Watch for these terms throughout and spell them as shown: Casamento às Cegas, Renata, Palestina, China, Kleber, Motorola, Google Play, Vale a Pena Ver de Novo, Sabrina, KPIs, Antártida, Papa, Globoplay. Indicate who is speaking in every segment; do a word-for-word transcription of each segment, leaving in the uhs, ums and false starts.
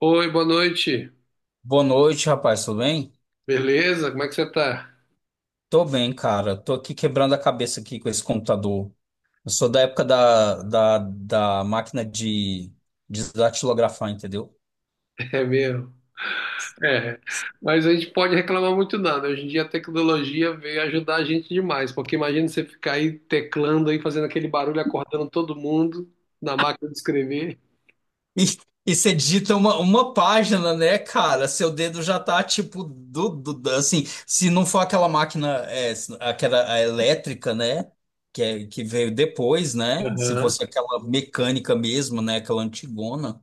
Speaker 1: Oi, boa noite.
Speaker 2: Boa noite, rapaz, tudo bem?
Speaker 1: Beleza? Como é que você tá?
Speaker 2: Tô bem, cara. Tô aqui quebrando a cabeça aqui com esse computador. Eu sou da época da, da, da máquina de, de datilografar, entendeu?
Speaker 1: É mesmo. É. Mas a gente pode reclamar muito nada. Hoje em dia a tecnologia veio ajudar a gente demais, porque imagina você ficar aí teclando aí, fazendo aquele barulho, acordando todo mundo na máquina de escrever.
Speaker 2: E, e você digita uma, uma página, né, cara? Seu dedo já tá tipo do, do- do- assim, se não for aquela máquina, é, se- aquela a elétrica, né? Que, é- que veio depois, né? Se
Speaker 1: Aham.
Speaker 2: fosse aquela mecânica mesmo, né? Aquela antigona,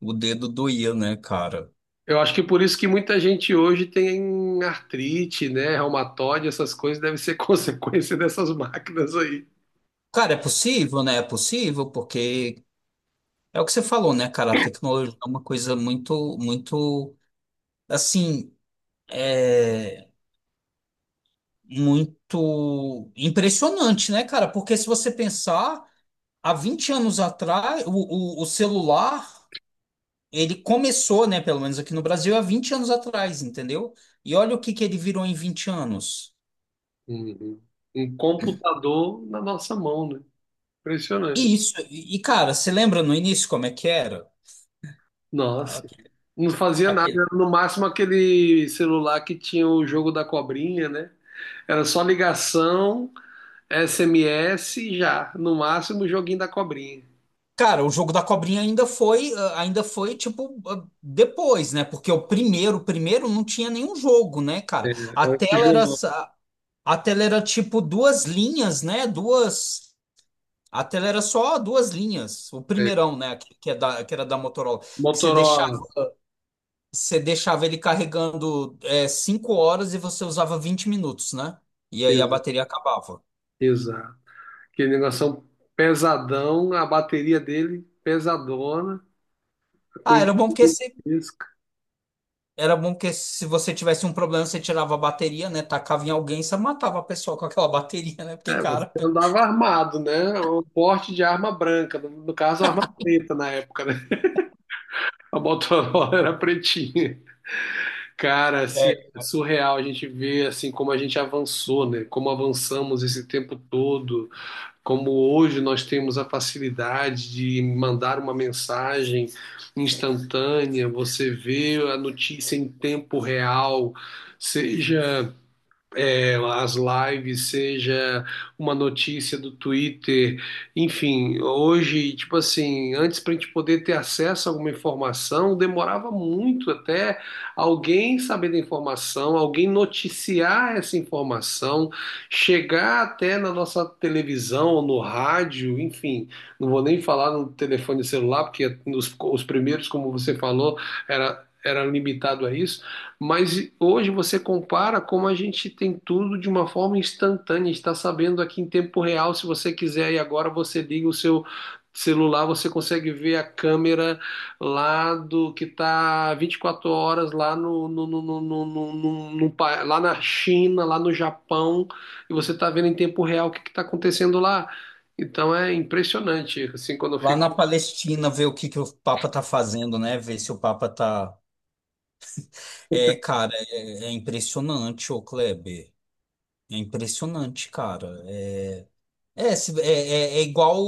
Speaker 2: o dedo doía, né, cara?
Speaker 1: Eu acho que por isso que muita gente hoje tem artrite, né, reumatoide, essas coisas devem ser consequência dessas máquinas aí.
Speaker 2: Cara, é possível, né? É possível, porque é o que você falou, né, cara? A tecnologia é uma coisa muito, muito, assim, é muito impressionante, né, cara? Porque se você pensar, há vinte anos atrás, o, o, o celular, ele começou, né, pelo menos aqui no Brasil, há vinte anos atrás, entendeu? E olha o que que ele virou em vinte anos.
Speaker 1: Uhum. Um computador na nossa mão, né?
Speaker 2: E
Speaker 1: Impressionante.
Speaker 2: isso, e, e, cara, você lembra no início como é que era?
Speaker 1: Nossa, não fazia nada,
Speaker 2: Aquele
Speaker 1: era no máximo aquele celular que tinha o jogo da cobrinha, né? Era só ligação, S M S e já, no máximo o joguinho da cobrinha.
Speaker 2: Cara, o jogo da cobrinha ainda foi, ah, ainda foi tipo ah, depois, né? Porque o primeiro, o primeiro não tinha nenhum jogo, né,
Speaker 1: É,
Speaker 2: cara? A
Speaker 1: era
Speaker 2: tela era
Speaker 1: tijolão,
Speaker 2: sa- a tela era tipo duas linhas, né? Duas A tela era só duas linhas. O
Speaker 1: é.
Speaker 2: primeirão, né, que, que é da, que era da Motorola, que você deixava,
Speaker 1: Motorola,
Speaker 2: você deixava ele carregando é, cinco horas e você usava vinte minutos, né? E aí a
Speaker 1: exa-
Speaker 2: bateria acabava.
Speaker 1: exato. Aquele negócio pesadão, a bateria dele pesadona,
Speaker 2: Ah,
Speaker 1: coisa
Speaker 2: era bom porque você
Speaker 1: disso.
Speaker 2: Era bom que se você tivesse um problema, você tirava a bateria, né? Tacava em alguém, você matava a pessoa com aquela bateria, né? Porque,
Speaker 1: É, você
Speaker 2: cara,
Speaker 1: andava armado, né? Um porte de arma branca, no no caso, arma preta na época, né? A Motorola era pretinha. Cara, assim, é
Speaker 2: É,
Speaker 1: surreal a gente ver assim como a gente avançou, né? Como avançamos esse tempo todo, como hoje nós temos a facilidade de mandar uma mensagem instantânea, você vê a notícia em tempo real, seja tela, as lives, seja uma notícia do Twitter, enfim, hoje, tipo assim, antes para a gente poder ter acesso a alguma informação, demorava muito até alguém saber da informação, alguém noticiar essa informação, chegar até na nossa televisão ou no rádio, enfim, não vou nem falar no telefone celular, porque os, os primeiros, como você falou, era, era limitado a isso. Mas hoje você compara como a gente tem tudo de uma forma instantânea, está sabendo aqui em tempo real, se você quiser e agora você liga o seu celular, você consegue ver a câmera lá do que está vinte e quatro horas lá no, no, no, no, no, no- no- no pa- lá na China, lá no Japão, e você está vendo em tempo real o que está acontecendo lá. Então é impressionante, assim, quando eu
Speaker 2: lá na Palestina, ver o que que o Papa tá fazendo, né? Ver se o Papa tá. É, cara, é, é impressionante, ô Kleber. É impressionante, cara. É, É, se- é, é, é igual,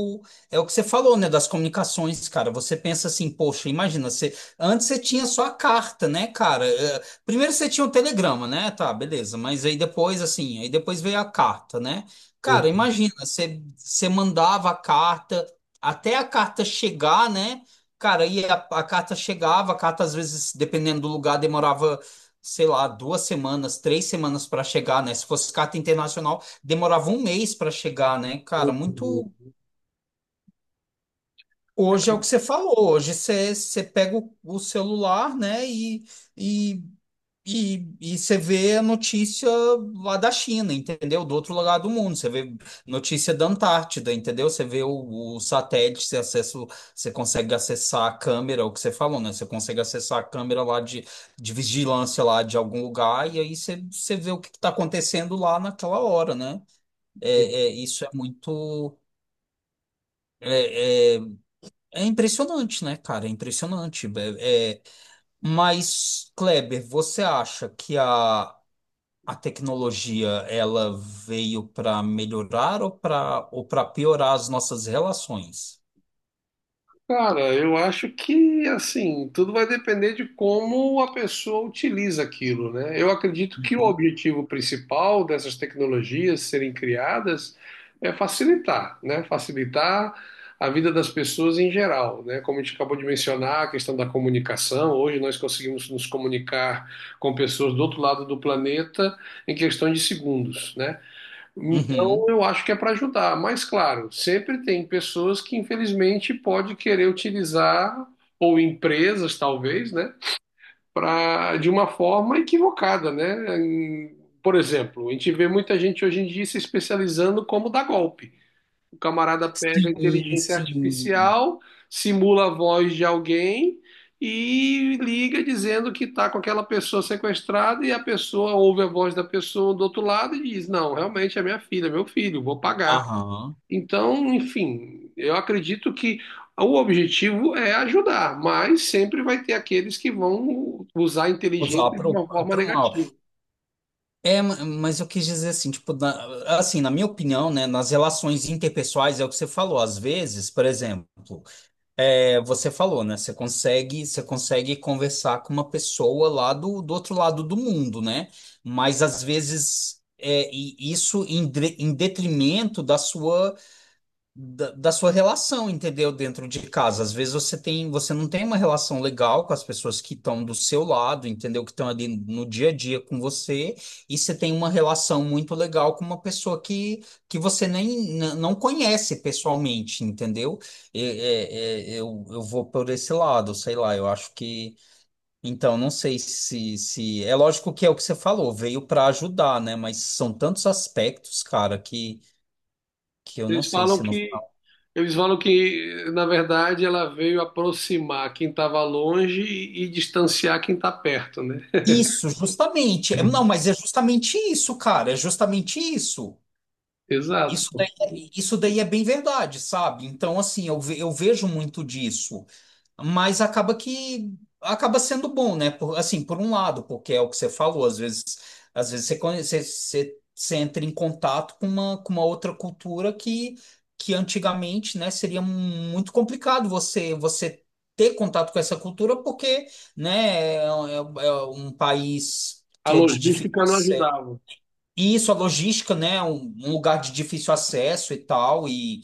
Speaker 2: é o que você falou, né, das comunicações, cara. Você pensa assim, poxa, imagina, você, antes você tinha só a carta, né, cara? É, primeiro você tinha o telegrama, né? Tá, beleza, mas aí depois, assim, aí depois veio a carta, né? Cara, imagina, você, você mandava a carta, até a carta chegar, né? Cara, e a, a carta chegava, a carta às vezes, dependendo do lugar, demorava, sei lá, duas semanas, três semanas para chegar, né? Se fosse carta internacional demorava um mês para chegar, né, cara?
Speaker 1: fico.
Speaker 2: Muito. Hoje é o que você falou. Hoje você, você pega o, o celular, né, e, e, e, e você vê a notícia lá da China, entendeu? Do outro lado do mundo. Você vê notícia da Antártida, entendeu? Você vê o, o satélite, você, acessa, o- você consegue acessar a câmera, o que você falou, né? Você consegue acessar a câmera lá de, de vigilância lá de algum lugar, e aí você, você vê o que está acontecendo lá naquela hora, né? É, é, isso é muito. É, é, é impressionante, né, cara? É impressionante. É, é- mas, Kleber, você acha que a, a tecnologia ela veio para melhorar ou para ou para piorar as nossas relações?
Speaker 1: Cara, eu acho que assim, tudo vai depender de como a pessoa utiliza aquilo, né? Eu acredito que o
Speaker 2: Uhum.
Speaker 1: objetivo principal dessas tecnologias serem criadas é facilitar, né? Facilitar a vida das pessoas em geral, né? Como a gente acabou de mencionar, a questão da comunicação, hoje nós conseguimos nos comunicar com pessoas do outro lado do planeta em questão de segundos, né? Então,
Speaker 2: Uhum.
Speaker 1: eu acho que é para ajudar, mas claro, sempre tem pessoas que infelizmente pode querer utilizar ou empresas talvez, né, para de uma forma equivocada, né? Em- Por exemplo, a gente vê muita gente hoje em dia se especializando como dar golpe. O camarada pega a
Speaker 2: Sim,
Speaker 1: inteligência
Speaker 2: sim.
Speaker 1: artificial, simula a voz de alguém e liga dizendo que está com aquela pessoa sequestrada e a pessoa ouve a voz da pessoa do outro lado e diz: Não, realmente é minha filha, é meu filho, vou pagar.
Speaker 2: Aham.
Speaker 1: Então, enfim, eu acredito que o objetivo é ajudar, mas sempre vai ter aqueles que vão usar a
Speaker 2: Usar
Speaker 1: inteligência de
Speaker 2: para
Speaker 1: uma forma
Speaker 2: o mal.
Speaker 1: negativa.
Speaker 2: É, ma- mas eu quis dizer assim, tipo, na, assim, na minha opinião, né, nas relações interpessoais é o que você falou, às vezes, por exemplo. É, você falou, né? Você consegue, você consegue conversar com uma pessoa lá do, do outro lado do mundo, né? Mas às vezes é, e isso em, dre- em detrimento da sua da, da sua relação, entendeu? Dentro de casa. Às vezes você tem, você não tem uma relação legal com as pessoas que estão do seu lado, entendeu? Que estão ali no dia a dia com você, e você tem uma relação muito legal com uma pessoa que, que você nem n- não conhece pessoalmente, entendeu? E- é- é- eu, eu vou por esse lado, sei lá, eu acho que. Então, não sei se, se. É lógico que é o que você falou, veio para ajudar, né? Mas são tantos aspectos, cara, que, que eu não
Speaker 1: Eles
Speaker 2: sei
Speaker 1: falam
Speaker 2: se não.
Speaker 1: que Eles falam que, na verdade, ela veio aproximar quem estava longe e, e distanciar quem está perto, né?
Speaker 2: Isso, justamente. É, não, mas é justamente isso, cara. É justamente isso. Isso daí,
Speaker 1: Exato.
Speaker 2: é- isso daí é bem verdade, sabe? Então, assim, eu, ve- eu vejo muito disso, mas acaba que acaba sendo bom, né? Por, assim, por um lado, porque é o que você falou, às vezes, às vezes, você, conhe- você, você, você entra em contato com uma, com uma outra cultura que, que antigamente, né, seria muito complicado você, você ter contato com essa cultura, porque, né, é, é- é um país
Speaker 1: A
Speaker 2: que é de difícil
Speaker 1: logística não
Speaker 2: acesso.
Speaker 1: ajudava.
Speaker 2: E isso, a logística, né, é um, um lugar de difícil acesso e tal, e,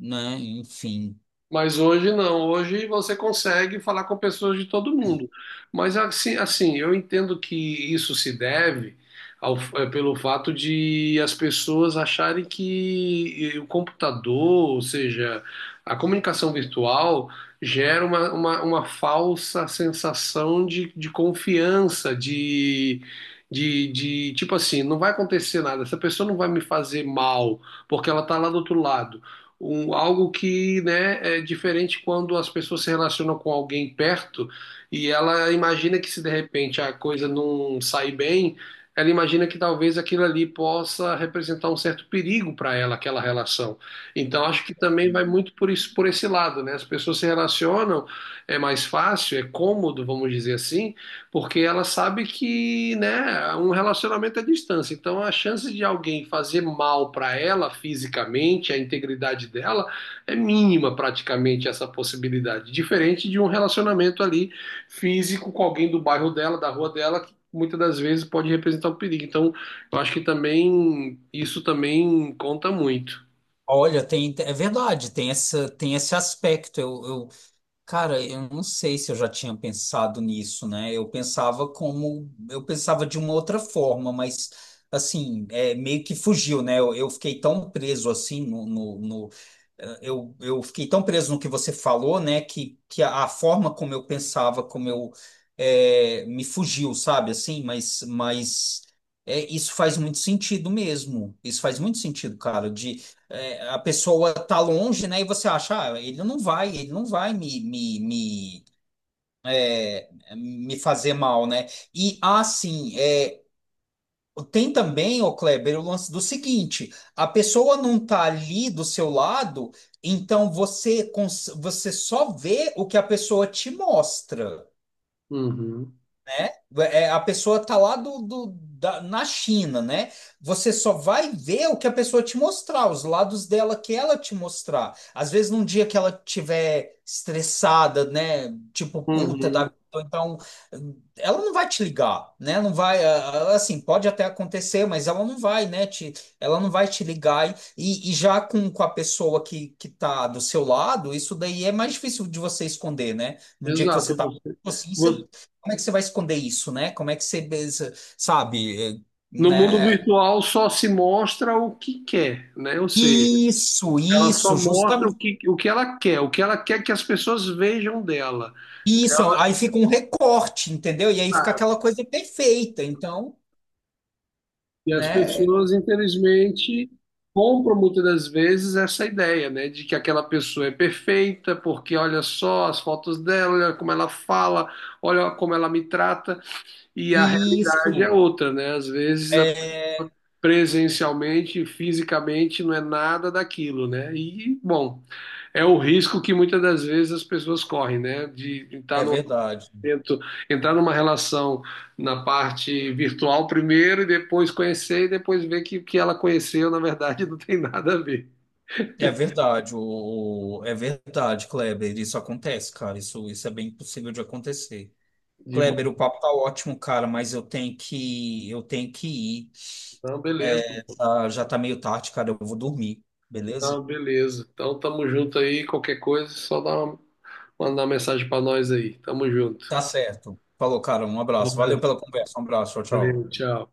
Speaker 2: né, enfim.
Speaker 1: Mas hoje não, hoje você consegue falar com pessoas de todo mundo. Mas assim, assim, eu entendo que isso se deve ao- eh, pelo fato de as pessoas acharem que eh, o computador, ou seja, a comunicação virtual, gera uma, uma, uma falsa sensação de, de confiança, de, de, de tipo assim, não vai acontecer nada, essa pessoa não vai me fazer mal, porque ela está lá do outro lado um, algo que, né, é diferente quando as pessoas se relacionam com alguém perto e ela imagina que se de repente a coisa não sair bem, ela imagina que talvez aquilo ali possa representar um certo perigo para ela, aquela relação. Então acho que também vai muito por isso, por esse lado, né? As pessoas se relacionam, é mais fácil, é cômodo, vamos dizer assim, porque ela sabe que, né, um relacionamento é distância. Então a chance de alguém fazer mal para ela fisicamente, a integridade dela, é mínima praticamente essa possibilidade. Diferente de um relacionamento ali físico com alguém do bairro dela, da rua dela, que muitas das vezes pode representar um perigo. Então eu acho que também isso também conta muito.
Speaker 2: Olha, tem, é verdade, tem essa, tem esse aspecto. Eu, eu- cara, eu não sei se eu já tinha pensado nisso, né? Eu pensava como, eu pensava de uma outra forma, mas assim, é, meio que fugiu, né? Eu, eu fiquei tão preso assim no, no, no- eh, eu, eu fiquei tão preso no que você falou, né? Que, que a, a forma como eu pensava, como eu eh, me fugiu, sabe? Assim, mas, mas é, isso faz muito sentido mesmo. Isso faz muito sentido, cara. É, a pessoa tá longe, né? E você acha, ah, ele não vai, ele não vai me, me, me, me fazer mal, né? E assim, é, tem também, ô Kleber, o lance do seguinte: a pessoa não tá ali do seu lado, então você, cons- você só vê o que a pessoa te mostra.
Speaker 1: Uhum.
Speaker 2: Né? É, a pessoa tá lá do, do- da- na China, né? Você só vai ver o que a pessoa te mostrar, os lados dela que ela te mostrar. Às vezes, num dia que ela tiver estressada, né? Tipo, puta da
Speaker 1: Uhum.
Speaker 2: vida, ou então ela não vai te ligar, né? Não vai, ah, ah, assim, pode até acontecer, mas ela não vai, né? Te, ela não vai te ligar. E, e já com, com a pessoa que, que tá do seu lado, isso daí é mais difícil de você esconder, né? Num dia que você
Speaker 1: Exato.
Speaker 2: tá
Speaker 1: Você,
Speaker 2: assim, você
Speaker 1: você-
Speaker 2: como é que você vai esconder isso, né? Como é que você, sabe,
Speaker 1: no mundo
Speaker 2: né?
Speaker 1: virtual só se mostra o que quer, né? Ou seja,
Speaker 2: Isso,
Speaker 1: ela só
Speaker 2: isso,
Speaker 1: mostra o
Speaker 2: justamente
Speaker 1: que, o que ela quer, o que ela quer que as pessoas vejam dela.
Speaker 2: isso. Aí fica um recorte, entendeu? E aí fica
Speaker 1: Ela-
Speaker 2: aquela coisa perfeita. Então,
Speaker 1: E as
Speaker 2: né?
Speaker 1: pessoas, infelizmente, compram muitas das vezes essa ideia, né, de que aquela pessoa é perfeita, porque olha só as fotos dela, olha como ela fala, olha como ela me trata, e a realidade é
Speaker 2: Isso.
Speaker 1: outra, né? Às vezes, a-
Speaker 2: É,
Speaker 1: presencialmente, fisicamente, não é nada daquilo, né? E, bom, é o risco que muitas das vezes as pessoas correm, né, de estar
Speaker 2: é
Speaker 1: no
Speaker 2: verdade.
Speaker 1: tento entrar numa relação na parte virtual primeiro e depois conhecer e depois ver que o que ela conheceu, na verdade, não tem nada a ver.
Speaker 2: É verdade, o, o- é verdade, Kleber. Isso acontece, cara. Isso, isso é bem possível de acontecer.
Speaker 1: De mão.
Speaker 2: Kleber, o papo tá ótimo, cara, mas eu tenho que, eu tenho que ir.
Speaker 1: Não, beleza.
Speaker 2: Ah, já tá meio tarde, cara. Eu vou dormir, beleza?
Speaker 1: Então beleza. Então tamo junto aí, qualquer coisa, só dá uma, mandar uma mensagem para nós aí. Tamo junto.
Speaker 2: Tá certo. Falou, cara. Um
Speaker 1: Um
Speaker 2: abraço. Valeu
Speaker 1: abraço.
Speaker 2: pela conversa. Um abraço. Tchau,
Speaker 1: Valeu,
Speaker 2: tchau.
Speaker 1: tchau.